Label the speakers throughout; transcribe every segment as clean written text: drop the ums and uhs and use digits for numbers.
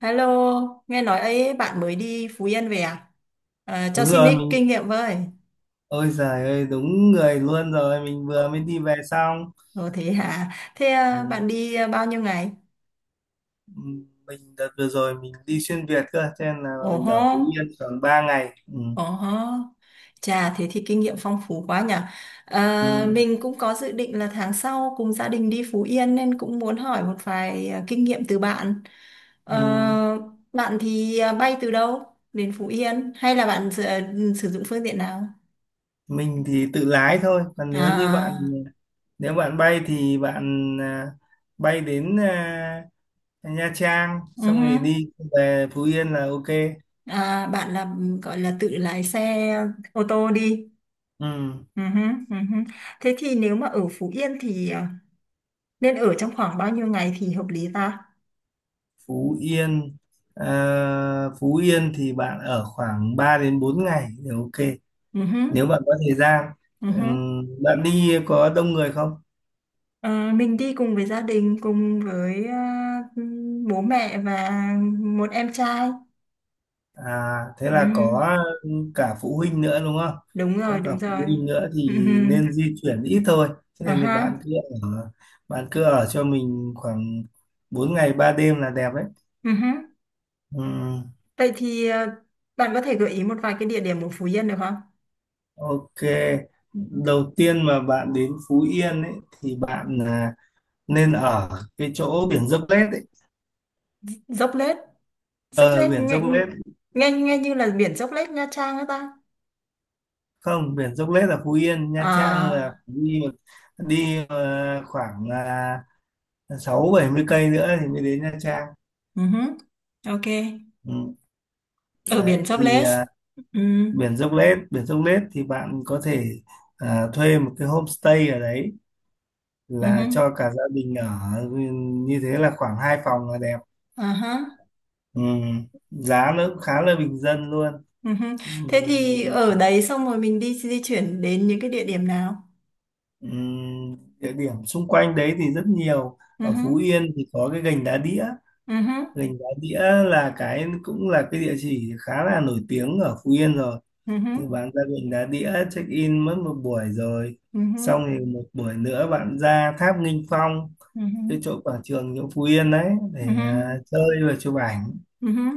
Speaker 1: Hello, nghe nói ấy bạn mới đi Phú Yên về à? À, cho
Speaker 2: đúng
Speaker 1: xin
Speaker 2: rồi
Speaker 1: ít kinh
Speaker 2: mình
Speaker 1: nghiệm với.
Speaker 2: Ôi giời ơi, đúng người luôn rồi. Mình vừa mới
Speaker 1: Ừ.
Speaker 2: đi về xong.
Speaker 1: Ồ thế hả? Thế à,
Speaker 2: Ừ.
Speaker 1: bạn đi à, bao nhiêu ngày?
Speaker 2: Ừ, mình đợt vừa rồi mình đi xuyên Việt cơ, cho nên là
Speaker 1: Ồ
Speaker 2: mình
Speaker 1: hô,
Speaker 2: ở Phú Yên khoảng 3 ngày. Ừ.
Speaker 1: ồ hô. Chà, thế thì kinh nghiệm phong phú quá nhỉ. À,
Speaker 2: Ừ.
Speaker 1: mình cũng có dự định là tháng sau cùng gia đình đi Phú Yên nên cũng muốn hỏi một vài kinh nghiệm từ bạn. Ờ,
Speaker 2: Ừ.
Speaker 1: bạn thì bay từ đâu đến Phú Yên? Hay là bạn sử dụng phương tiện nào?
Speaker 2: Mình thì tự lái thôi, còn nếu như bạn
Speaker 1: À,
Speaker 2: nếu bạn bay thì bạn à, bay đến à, Nha Trang xong rồi đi
Speaker 1: uh
Speaker 2: về Phú Yên là ok.
Speaker 1: À, bạn là gọi là tự lái xe ô tô đi.
Speaker 2: Ừ.
Speaker 1: Ừ hứ, ừ hứ. Thế thì nếu mà ở Phú Yên thì nên ở trong khoảng bao nhiêu ngày thì hợp lý ta?
Speaker 2: Phú Yên Phú Yên thì bạn ở khoảng 3 đến 4 ngày thì ok,
Speaker 1: Ừ
Speaker 2: nếu
Speaker 1: hứ,
Speaker 2: bạn có thời gian.
Speaker 1: ừ hứ.
Speaker 2: Bạn đi có đông người không?
Speaker 1: Ờ, mình đi cùng với gia đình, cùng với bố mẹ và một em trai.
Speaker 2: À, thế
Speaker 1: Ừ
Speaker 2: là
Speaker 1: hứ.
Speaker 2: có cả phụ huynh nữa đúng không?
Speaker 1: Đúng rồi,
Speaker 2: Có cả
Speaker 1: đúng
Speaker 2: phụ
Speaker 1: rồi.
Speaker 2: huynh nữa
Speaker 1: Ừ
Speaker 2: thì
Speaker 1: hứ.
Speaker 2: nên di chuyển ít thôi. Thế
Speaker 1: À
Speaker 2: nên thì
Speaker 1: ha.
Speaker 2: ở bạn cứ ở cho mình khoảng 4 ngày 3 đêm là đẹp đấy.
Speaker 1: Ừ hứ.
Speaker 2: Ừm,
Speaker 1: Vậy thì bạn có thể gợi ý một vài cái địa điểm ở Phú Yên được không?
Speaker 2: ok. Đầu tiên mà bạn đến Phú Yên ấy thì bạn à, nên ở cái chỗ biển Dốc Lết ấy.
Speaker 1: Dốc Lết, Dốc
Speaker 2: Ờ,
Speaker 1: Lết
Speaker 2: biển
Speaker 1: nghe,
Speaker 2: Dốc Lết.
Speaker 1: nghe như là biển Dốc Lết Nha Trang ấy ta.
Speaker 2: Không, biển Dốc Lết là Phú Yên, Nha Trang là
Speaker 1: À.
Speaker 2: phải đi, đi khoảng sáu bảy mươi cây nữa thì mới đến Nha Trang.
Speaker 1: Ừ hứ, ok.
Speaker 2: Ừ.
Speaker 1: Ở
Speaker 2: Đấy
Speaker 1: biển Dốc
Speaker 2: thì
Speaker 1: Lết. Ừ.
Speaker 2: biển Dốc Lết thì bạn có thể thuê một cái homestay ở đấy
Speaker 1: Ừ hứ,
Speaker 2: là cho cả gia đình ở, như thế là khoảng hai phòng là đẹp.
Speaker 1: à hả,
Speaker 2: Ừ, giá nó cũng khá là bình dân luôn.
Speaker 1: ừ.
Speaker 2: Ừ.
Speaker 1: Thế thì ở đấy xong rồi mình đi di chuyển đến những cái địa điểm nào?
Speaker 2: Ừ. Địa điểm xung quanh đấy thì rất nhiều,
Speaker 1: Ừ
Speaker 2: ở
Speaker 1: hứ,
Speaker 2: Phú Yên thì có cái gành đá đĩa.
Speaker 1: ừ hứ,
Speaker 2: Gành Đá Đĩa là cái cũng là cái địa chỉ khá là nổi tiếng ở Phú Yên rồi,
Speaker 1: ừ hứ,
Speaker 2: thì bạn ra Gành Đá Đĩa check in mất một buổi rồi,
Speaker 1: ừ hứ,
Speaker 2: xong thì một buổi nữa bạn ra Tháp Nghinh Phong,
Speaker 1: ừ hứ,
Speaker 2: cái chỗ quảng trường chỗ Phú Yên đấy
Speaker 1: ừ hứ,
Speaker 2: để à, chơi và chụp ảnh.
Speaker 1: ừ hứ,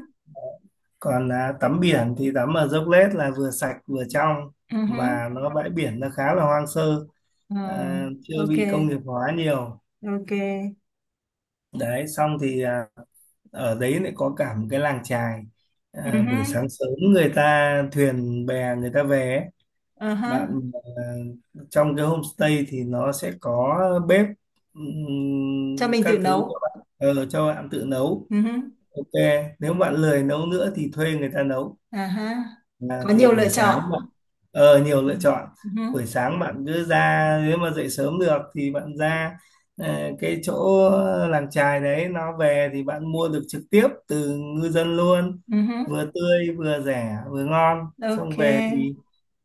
Speaker 2: Còn à, tắm biển thì tắm ở Dốc Lết là vừa sạch vừa trong,
Speaker 1: ừ hứ.
Speaker 2: mà nó bãi biển nó khá là hoang sơ,
Speaker 1: Ờ,
Speaker 2: à, chưa
Speaker 1: ok,
Speaker 2: bị công nghiệp hóa nhiều.
Speaker 1: ok.
Speaker 2: Đấy xong thì à, ở đấy lại có cả một cái làng chài,
Speaker 1: Ừ
Speaker 2: à,
Speaker 1: hứ,
Speaker 2: buổi sáng sớm người ta thuyền bè người ta về ấy.
Speaker 1: ờ hả.
Speaker 2: Bạn à, trong cái homestay thì nó sẽ có bếp,
Speaker 1: Cho mình tự
Speaker 2: các thứ cho
Speaker 1: nấu.
Speaker 2: bạn, cho bạn tự nấu.
Speaker 1: Ừ hứ.
Speaker 2: Ok, nếu bạn lười nấu nữa thì thuê người ta nấu.
Speaker 1: À ha,
Speaker 2: À,
Speaker 1: có
Speaker 2: thì
Speaker 1: nhiều lựa
Speaker 2: buổi sáng
Speaker 1: chọn.
Speaker 2: bạn, nhiều
Speaker 1: Ừ.
Speaker 2: lựa chọn.
Speaker 1: Ừ.
Speaker 2: Buổi sáng bạn cứ ra, nếu mà dậy sớm được thì bạn ra cái chỗ làng chài đấy nó về, thì bạn mua được trực tiếp từ ngư dân luôn,
Speaker 1: Ừ.
Speaker 2: vừa tươi vừa rẻ vừa ngon. Xong
Speaker 1: Ok.
Speaker 2: về thì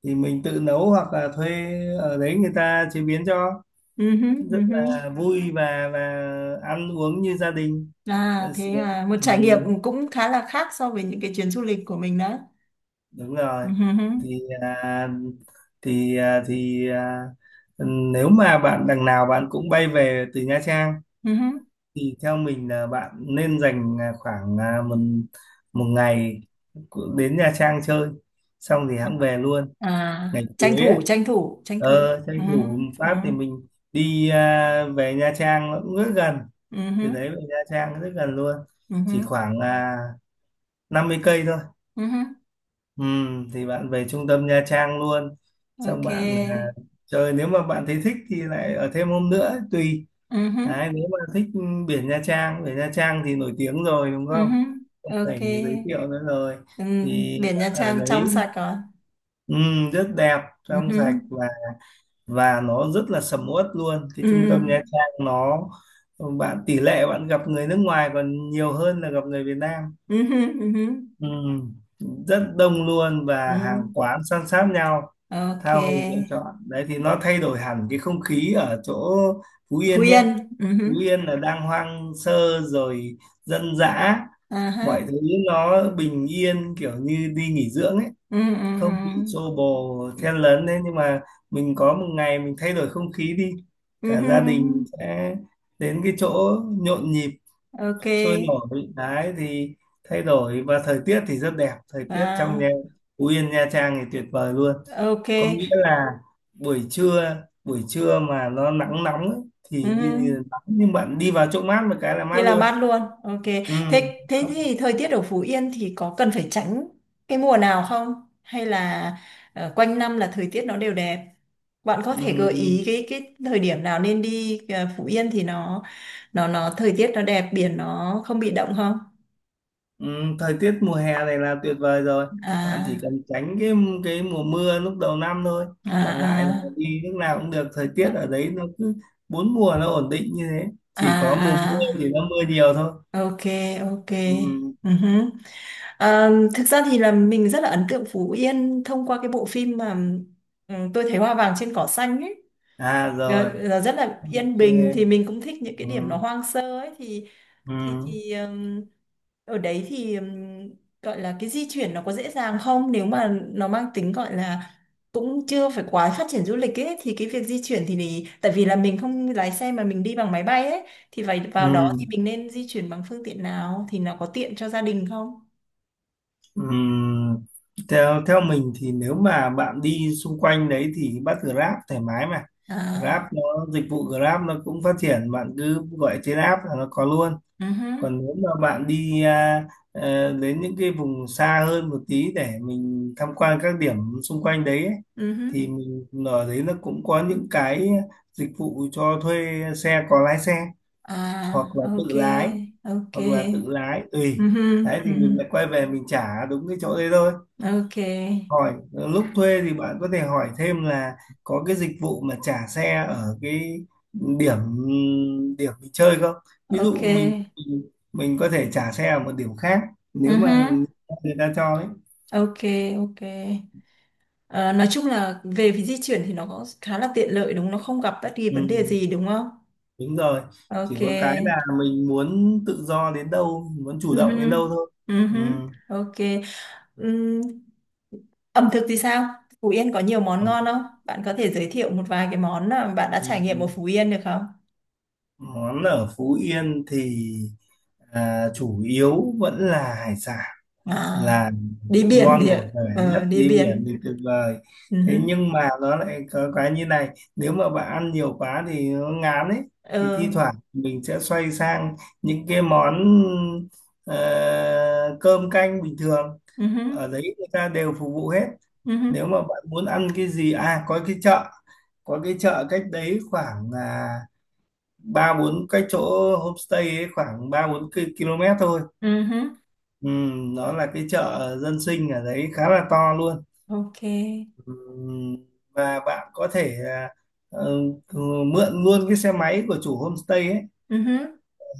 Speaker 2: mình tự nấu hoặc là thuê ở đấy người ta chế biến cho,
Speaker 1: Ừ.
Speaker 2: rất
Speaker 1: Ừ.
Speaker 2: là vui và ăn uống như gia đình.
Speaker 1: À
Speaker 2: Ờ,
Speaker 1: thế
Speaker 2: sướng.
Speaker 1: à, một
Speaker 2: Ừ,
Speaker 1: trải nghiệm cũng khá là khác so với những cái chuyến du lịch của mình đó.
Speaker 2: đúng
Speaker 1: Ừ.
Speaker 2: rồi. Thì à, thì à, thì à, nếu mà bạn đằng nào bạn cũng bay về từ Nha Trang
Speaker 1: Ừ.
Speaker 2: thì theo mình là bạn nên dành à, khoảng à, một một ngày đến Nha Trang chơi, xong thì hẵng về luôn,
Speaker 1: À,
Speaker 2: ngày
Speaker 1: tranh
Speaker 2: cuối ấy.
Speaker 1: thủ, tranh thủ, tranh thủ.
Speaker 2: Ờ,
Speaker 1: Ừ.
Speaker 2: tranh thủ một
Speaker 1: Ừ.
Speaker 2: phát thì mình đi à, về Nha Trang nó cũng rất gần, từ
Speaker 1: Ừ.
Speaker 2: đấy về Nha Trang rất gần luôn,
Speaker 1: Ừ.
Speaker 2: chỉ khoảng à, 50 cây thôi.
Speaker 1: Ừ.
Speaker 2: Ừ, thì bạn về trung tâm Nha Trang luôn, xong
Speaker 1: Ok.
Speaker 2: bạn à, chơi, nếu mà bạn thấy thích thì lại ở thêm hôm nữa tùy.
Speaker 1: Ừ.
Speaker 2: Đấy, nếu mà thích ừ, biển Nha Trang thì nổi tiếng rồi đúng
Speaker 1: Ừ.
Speaker 2: không, không
Speaker 1: Ok.
Speaker 2: phải giới thiệu nữa rồi.
Speaker 1: Ừ.
Speaker 2: Thì
Speaker 1: Biển
Speaker 2: bạn
Speaker 1: Nha
Speaker 2: ở
Speaker 1: Trang trong
Speaker 2: đấy
Speaker 1: sạch rồi.
Speaker 2: ừ, rất đẹp, trong
Speaker 1: Ừ.
Speaker 2: sạch, và nó rất là sầm uất luôn, cái trung
Speaker 1: Ừ.
Speaker 2: tâm Nha Trang nó, bạn, tỷ lệ bạn gặp người nước ngoài còn nhiều hơn là gặp người Việt Nam.
Speaker 1: Ừ. Ừ. Ừ.
Speaker 2: Ừ, rất đông luôn và
Speaker 1: Ừ.
Speaker 2: hàng quán san sát nhau,
Speaker 1: Ok.
Speaker 2: tha hồ lựa chọn. Đấy thì nó thay đổi hẳn cái không khí ở chỗ Phú
Speaker 1: Phú
Speaker 2: Yên nhé.
Speaker 1: Yên. Ừ.
Speaker 2: Phú
Speaker 1: hứ.
Speaker 2: Yên là đang hoang sơ rồi, dân dã,
Speaker 1: À ha.
Speaker 2: mọi thứ nó bình yên kiểu như đi nghỉ dưỡng ấy,
Speaker 1: Ừ, ừ,
Speaker 2: không bị
Speaker 1: ừ.
Speaker 2: xô bồ
Speaker 1: Ừ.
Speaker 2: chen lấn. Đấy nhưng mà mình có một ngày mình thay đổi không khí đi,
Speaker 1: Ừ
Speaker 2: cả gia đình
Speaker 1: hứ.
Speaker 2: sẽ đến cái chỗ nhộn nhịp
Speaker 1: Ok.
Speaker 2: sôi nổi đấy thì thay đổi. Và thời tiết thì rất đẹp, thời tiết trong nhà
Speaker 1: À,
Speaker 2: Phú Yên Nha Trang thì tuyệt vời luôn. Có nghĩa
Speaker 1: ok.
Speaker 2: là buổi trưa buổi trưa mà nó nắng nóng ấy,
Speaker 1: Ừ.
Speaker 2: thì đi
Speaker 1: hứ.
Speaker 2: nắng nhưng bạn đi vào chỗ mát một cái là
Speaker 1: Thì
Speaker 2: mát
Speaker 1: làm
Speaker 2: luôn.
Speaker 1: mát luôn. Ok.
Speaker 2: Ừ.
Speaker 1: Thế thế
Speaker 2: không-
Speaker 1: thì thời tiết ở Phú Yên thì có cần phải tránh cái mùa nào không? Hay là quanh năm là thời tiết nó đều đẹp? Bạn có thể gợi ý
Speaker 2: ừ.
Speaker 1: cái thời điểm nào nên đi Phú Yên thì nó thời tiết nó đẹp, biển nó không bị động không?
Speaker 2: Ừ, thời tiết mùa hè này là tuyệt vời rồi, bạn chỉ
Speaker 1: À,
Speaker 2: cần tránh cái mùa mưa lúc đầu năm thôi, còn lại là
Speaker 1: à,
Speaker 2: đi lúc nào cũng được. Thời tiết
Speaker 1: à,
Speaker 2: ở đấy nó cứ bốn mùa nó ổn định như thế,
Speaker 1: à,
Speaker 2: chỉ có mùa mưa
Speaker 1: à,
Speaker 2: thì nó mưa nhiều thôi.
Speaker 1: ok, ok.
Speaker 2: Ừ.
Speaker 1: uh Thực ra thì là mình rất là ấn tượng Phú Yên thông qua cái bộ phim mà Tôi thấy hoa vàng trên cỏ xanh ấy.
Speaker 2: À
Speaker 1: Ờ,
Speaker 2: rồi.
Speaker 1: là rất là yên
Speaker 2: Ok.
Speaker 1: bình thì mình cũng thích những cái
Speaker 2: Ừ.
Speaker 1: điểm nó hoang sơ ấy thì
Speaker 2: Ừ.
Speaker 1: thì thì ừm, ở đấy thì gọi là cái di chuyển nó có dễ dàng không nếu mà nó mang tính gọi là cũng chưa phải quá phát triển du lịch ấy thì cái việc di chuyển thì tại vì là mình không lái xe mà mình đi bằng máy bay ấy thì phải vào đó thì
Speaker 2: Ừ.
Speaker 1: mình nên di chuyển bằng phương tiện nào thì nó có tiện cho gia đình không?
Speaker 2: Ừ. theo theo mình thì nếu mà bạn đi xung quanh đấy thì bắt Grab thoải mái mà, Grab
Speaker 1: À,
Speaker 2: nó, dịch vụ Grab nó cũng phát triển, bạn cứ gọi trên app là nó có luôn.
Speaker 1: ừ hứ,
Speaker 2: Còn nếu mà bạn đi à, đến những cái vùng xa hơn một tí để mình tham quan các điểm xung quanh đấy ấy,
Speaker 1: ừ hứ.
Speaker 2: thì mình ở đấy nó cũng có những cái dịch vụ cho thuê xe, có lái xe hoặc
Speaker 1: À,
Speaker 2: là tự
Speaker 1: ok,
Speaker 2: lái,
Speaker 1: ok. Ừ
Speaker 2: tùy.
Speaker 1: hứ,
Speaker 2: Đấy thì
Speaker 1: ừ hứ,
Speaker 2: mình lại quay về mình trả đúng cái chỗ đấy thôi.
Speaker 1: ok.
Speaker 2: Hỏi lúc thuê thì bạn có thể hỏi thêm là có cái dịch vụ mà trả xe ở cái điểm điểm mình chơi không. Ví
Speaker 1: Ok,
Speaker 2: dụ mình có thể trả xe ở một điểm khác, nếu mà
Speaker 1: uh
Speaker 2: người ta cho ấy.
Speaker 1: ok, ok. Ờ, nói chung là về phía di chuyển thì nó có khá là tiện lợi đúng không? Nó không gặp bất kỳ
Speaker 2: Ừ,
Speaker 1: vấn đề gì đúng không?
Speaker 2: đúng rồi, chỉ
Speaker 1: Ok.
Speaker 2: có cái là mình muốn tự do đến đâu, muốn chủ động đến đâu
Speaker 1: uh
Speaker 2: thôi. Ừ.
Speaker 1: Ok. Ừm, ẩm thực thì sao? Phú Yên có nhiều món
Speaker 2: Ừ,
Speaker 1: ngon không? Bạn có thể giới thiệu một vài cái món mà bạn đã
Speaker 2: ừ.
Speaker 1: trải nghiệm ở Phú Yên được không?
Speaker 2: Món ở Phú Yên thì à, chủ yếu vẫn là hải sản,
Speaker 1: À,
Speaker 2: là
Speaker 1: đi biển thì
Speaker 2: ngon
Speaker 1: ạ.
Speaker 2: bổ rẻ nhất.
Speaker 1: Ờ, đi
Speaker 2: Đi biển thì
Speaker 1: biển.
Speaker 2: tuyệt vời.
Speaker 1: uh
Speaker 2: Thế nhưng mà nó lại có cái như này, nếu mà bạn ăn nhiều quá thì nó ngán ấy, thì thi
Speaker 1: Ờ,
Speaker 2: thoảng mình sẽ xoay sang những cái món ờ, cơm canh bình thường,
Speaker 1: uh-huh.
Speaker 2: ở đấy người ta đều phục vụ hết.
Speaker 1: Uh-huh.
Speaker 2: Nếu mà bạn muốn ăn cái gì, à, có cái chợ, cách đấy khoảng à, ba bốn cái chỗ homestay ấy, khoảng ba bốn km thôi.
Speaker 1: Uh-huh.
Speaker 2: Ừ, nó là cái chợ dân sinh ở đấy khá là to luôn.
Speaker 1: Ok.
Speaker 2: Ừ, và bạn có thể à, ừ, mượn luôn cái xe máy của chủ homestay ấy,
Speaker 1: uh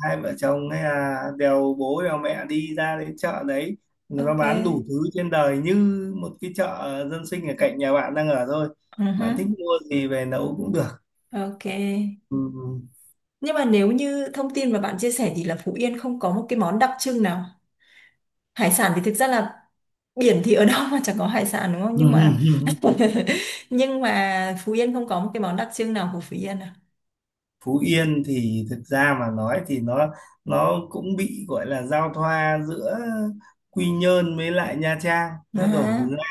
Speaker 2: hai vợ chồng hay là đèo bố đèo mẹ đi ra đến chợ đấy, nó
Speaker 1: Ok.
Speaker 2: bán đủ thứ trên đời như một cái chợ dân sinh ở cạnh nhà bạn đang ở thôi.
Speaker 1: Ừ hứ,
Speaker 2: Bạn thích mua gì về nấu cũng được.
Speaker 1: ok. Nhưng mà nếu như thông tin mà bạn chia sẻ thì là Phú Yên không có một cái món đặc trưng nào. Hải sản thì thực ra là biển thì ở đâu mà chẳng có hải sản đúng không?
Speaker 2: Ừ.
Speaker 1: Nhưng mà nhưng mà Phú Yên không có một cái món đặc trưng nào của Phú Yên à.
Speaker 2: Phú Yên thì thực ra mà nói thì nó cũng bị gọi là giao thoa giữa Quy Nhơn với lại Nha Trang
Speaker 1: À,
Speaker 2: nó đổ hướng ra,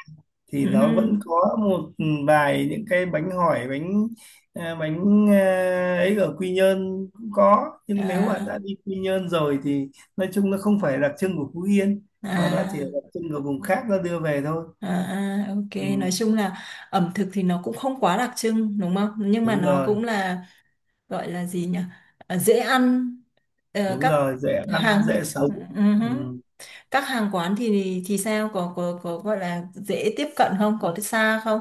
Speaker 2: thì
Speaker 1: ừ
Speaker 2: nó
Speaker 1: hứ,
Speaker 2: vẫn có một ừ, vài những cái bánh hỏi, bánh à, bánh à, ấy, ở Quy Nhơn cũng có. Nhưng nếu bạn đã
Speaker 1: à,
Speaker 2: đi Quy Nhơn rồi thì nói chung nó không phải đặc trưng của Phú Yên, mà nó chỉ
Speaker 1: à,
Speaker 2: là đặc trưng của vùng khác nó đưa về thôi.
Speaker 1: à, à,
Speaker 2: Ừ,
Speaker 1: ok. Nói chung là ẩm thực thì nó cũng không quá đặc trưng đúng không? Nhưng mà
Speaker 2: đúng
Speaker 1: nó
Speaker 2: rồi.
Speaker 1: cũng là gọi là gì nhỉ? Ờ, dễ ăn,
Speaker 2: Đúng
Speaker 1: các
Speaker 2: rồi, dễ ăn
Speaker 1: hàng.
Speaker 2: dễ sống.
Speaker 1: Ừ
Speaker 2: Ừ.
Speaker 1: hứ. Các hàng quán thì sao, có gọi là dễ tiếp cận không, có xa không?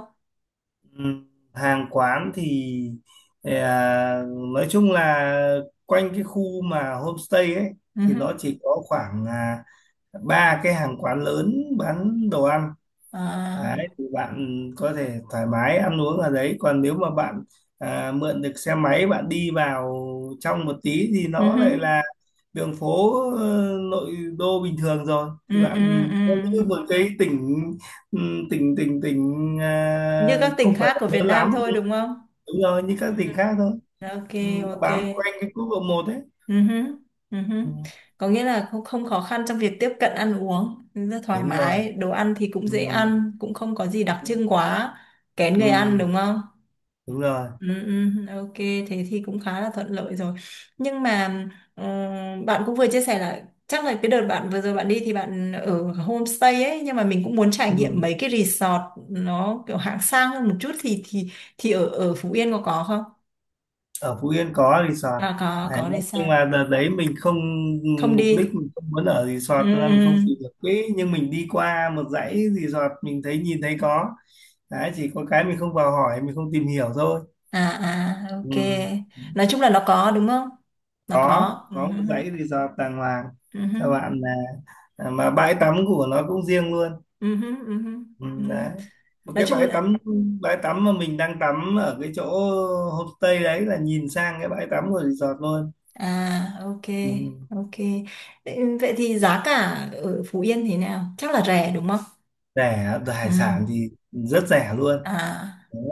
Speaker 2: Ừm, hàng quán thì ờ, nói chung là quanh cái khu mà homestay ấy
Speaker 1: Ừ
Speaker 2: thì
Speaker 1: hứ.
Speaker 2: nó chỉ có khoảng à, ba cái hàng quán lớn bán đồ ăn. Đấy
Speaker 1: À,
Speaker 2: thì bạn có thể thoải mái ăn uống ở đấy, còn nếu mà bạn à, mượn được xe máy bạn đi vào trong một tí thì
Speaker 1: ừ
Speaker 2: nó
Speaker 1: hứ.
Speaker 2: lại là đường phố ờ, nội đô bình thường rồi, thì
Speaker 1: Ừ, ừ,
Speaker 2: bạn,
Speaker 1: ừ,
Speaker 2: nó như một cái tỉnh, tỉnh,
Speaker 1: như
Speaker 2: à,
Speaker 1: các tỉnh
Speaker 2: không phải
Speaker 1: khác
Speaker 2: là
Speaker 1: của Việt
Speaker 2: lớn
Speaker 1: Nam
Speaker 2: lắm.
Speaker 1: thôi đúng không?
Speaker 2: Đúng rồi, như các
Speaker 1: Ừ hứ.
Speaker 2: tỉnh khác thôi.
Speaker 1: Ok,
Speaker 2: Ừ, nó
Speaker 1: ok.
Speaker 2: bám quanh cái quốc lộ một ấy.
Speaker 1: Ừ hứ. Ừ hứ.
Speaker 2: Ừ,
Speaker 1: Có nghĩa là không không khó khăn trong việc tiếp cận, ăn uống rất thoải
Speaker 2: đúng rồi.
Speaker 1: mái, đồ ăn thì cũng
Speaker 2: Ừ,
Speaker 1: dễ ăn, cũng không có gì đặc trưng quá kén
Speaker 2: ừ,
Speaker 1: người ăn đúng không?
Speaker 2: đúng rồi.
Speaker 1: Ừ, ừ, ok, thế thì cũng khá là thuận lợi rồi, nhưng mà ờ, bạn cũng vừa chia sẻ là chắc là cái đợt bạn vừa rồi bạn đi thì bạn ở homestay ấy, nhưng mà mình cũng muốn trải nghiệm
Speaker 2: Ừ.
Speaker 1: mấy cái resort nó kiểu hạng sang hơn một chút thì ở ở Phú Yên có không?
Speaker 2: Ở Phú Yên có resort
Speaker 1: À, có
Speaker 2: đấy.
Speaker 1: có
Speaker 2: Nhưng
Speaker 1: resort.
Speaker 2: mà đợt đấy mình không
Speaker 1: Không
Speaker 2: mục đích
Speaker 1: đi.
Speaker 2: mình không muốn ở resort,
Speaker 1: Ừ,
Speaker 2: cho
Speaker 1: ừ.
Speaker 2: nên mình không tìm được quỹ. Nhưng mình đi qua một dãy resort, mình thấy nhìn thấy có. Đấy, chỉ có cái mình không vào hỏi, mình không tìm hiểu thôi.
Speaker 1: À, à,
Speaker 2: Ừ.
Speaker 1: ok, nói chung là nó có đúng không? Nó
Speaker 2: có
Speaker 1: có. Ừ,
Speaker 2: có một dãy resort đàng hoàng
Speaker 1: ừ, ừ,
Speaker 2: cho bạn, là à, mà bãi tắm của nó cũng riêng luôn.
Speaker 1: ừ, ừ, ừ, ừ,
Speaker 2: Ừ,
Speaker 1: ừ.
Speaker 2: đấy, một
Speaker 1: Nói
Speaker 2: cái
Speaker 1: chung là.
Speaker 2: bãi tắm mà mình đang tắm ở cái chỗ homestay đấy là nhìn sang cái bãi tắm của resort luôn.
Speaker 1: À, ok,
Speaker 2: Ừ.
Speaker 1: ok. Vậy thì giá cả ở Phú Yên thế nào? Chắc là rẻ đúng không?
Speaker 2: Rẻ.
Speaker 1: Ừ.
Speaker 2: Hải sản thì rất rẻ luôn
Speaker 1: À,
Speaker 2: đấy.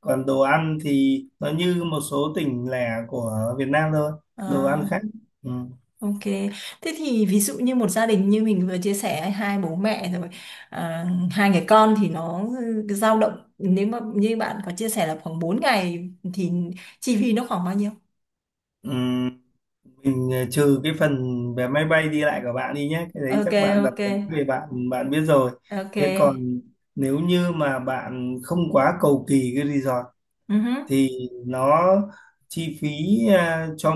Speaker 2: Còn đồ ăn thì nó như một số tỉnh lẻ của Việt Nam thôi, đồ ăn
Speaker 1: à,
Speaker 2: khác. Ừ.
Speaker 1: ok. Thế thì ví dụ như một gia đình như mình vừa chia sẻ hai bố mẹ rồi, à, hai người con thì nó dao động, nếu mà như bạn có chia sẻ là khoảng 4 ngày thì chi phí nó khoảng bao nhiêu?
Speaker 2: Ừ. Mình ờ, trừ cái phần vé máy bay đi lại của bạn đi nhé, cái đấy
Speaker 1: Ok,
Speaker 2: chắc bạn đặt
Speaker 1: ok,
Speaker 2: vé về bạn bạn biết rồi.
Speaker 1: ok.
Speaker 2: Thế còn, nếu như mà bạn không quá cầu kỳ cái resort
Speaker 1: Ừ hứ,
Speaker 2: thì nó chi phí à, cho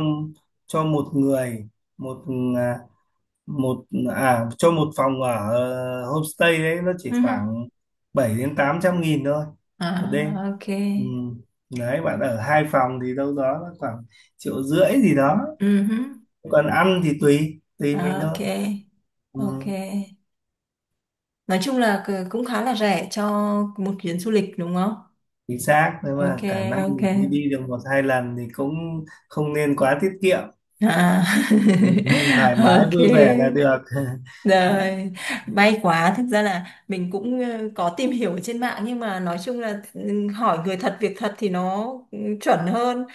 Speaker 2: cho một người, một à, một à cho một phòng ở homestay đấy nó chỉ
Speaker 1: ừ hứ.
Speaker 2: khoảng 700 đến 800 nghìn thôi, một đêm.
Speaker 1: À, ok,
Speaker 2: Ừ, đấy bạn ở hai phòng thì đâu đó nó khoảng triệu rưỡi gì đó.
Speaker 1: ừ hứ.
Speaker 2: Còn ăn thì tùy tùy mình
Speaker 1: À,
Speaker 2: thôi.
Speaker 1: ok,
Speaker 2: Ừ.
Speaker 1: ok. Nói chung là cũng khá là rẻ cho một chuyến du lịch đúng không?
Speaker 2: Chính xác, nếu
Speaker 1: Ok,
Speaker 2: mà cả năm
Speaker 1: ok.
Speaker 2: mình đi đi được một hai lần thì cũng không nên quá tiết kiệm.
Speaker 1: À.
Speaker 2: Ừ. Thoải mái vui vẻ là
Speaker 1: Ok.
Speaker 2: được.
Speaker 1: Rồi, may quá. Thực ra là mình cũng có tìm hiểu ở trên mạng nhưng mà nói chung là hỏi người thật việc thật thì nó chuẩn hơn.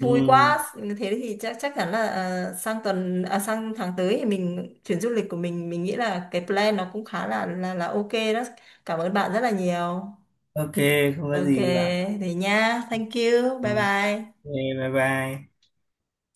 Speaker 2: Ừ,
Speaker 1: quá. Thế thì chắc chắc chắn là sang tháng tới thì mình chuyến du lịch của mình nghĩ là cái plan nó cũng khá là ok đó. Cảm ơn bạn rất là nhiều.
Speaker 2: ok, không có
Speaker 1: Ok,
Speaker 2: gì bạn.
Speaker 1: thì nha. Thank you.
Speaker 2: Ừ,
Speaker 1: Bye
Speaker 2: ok,
Speaker 1: bye.
Speaker 2: bye bye.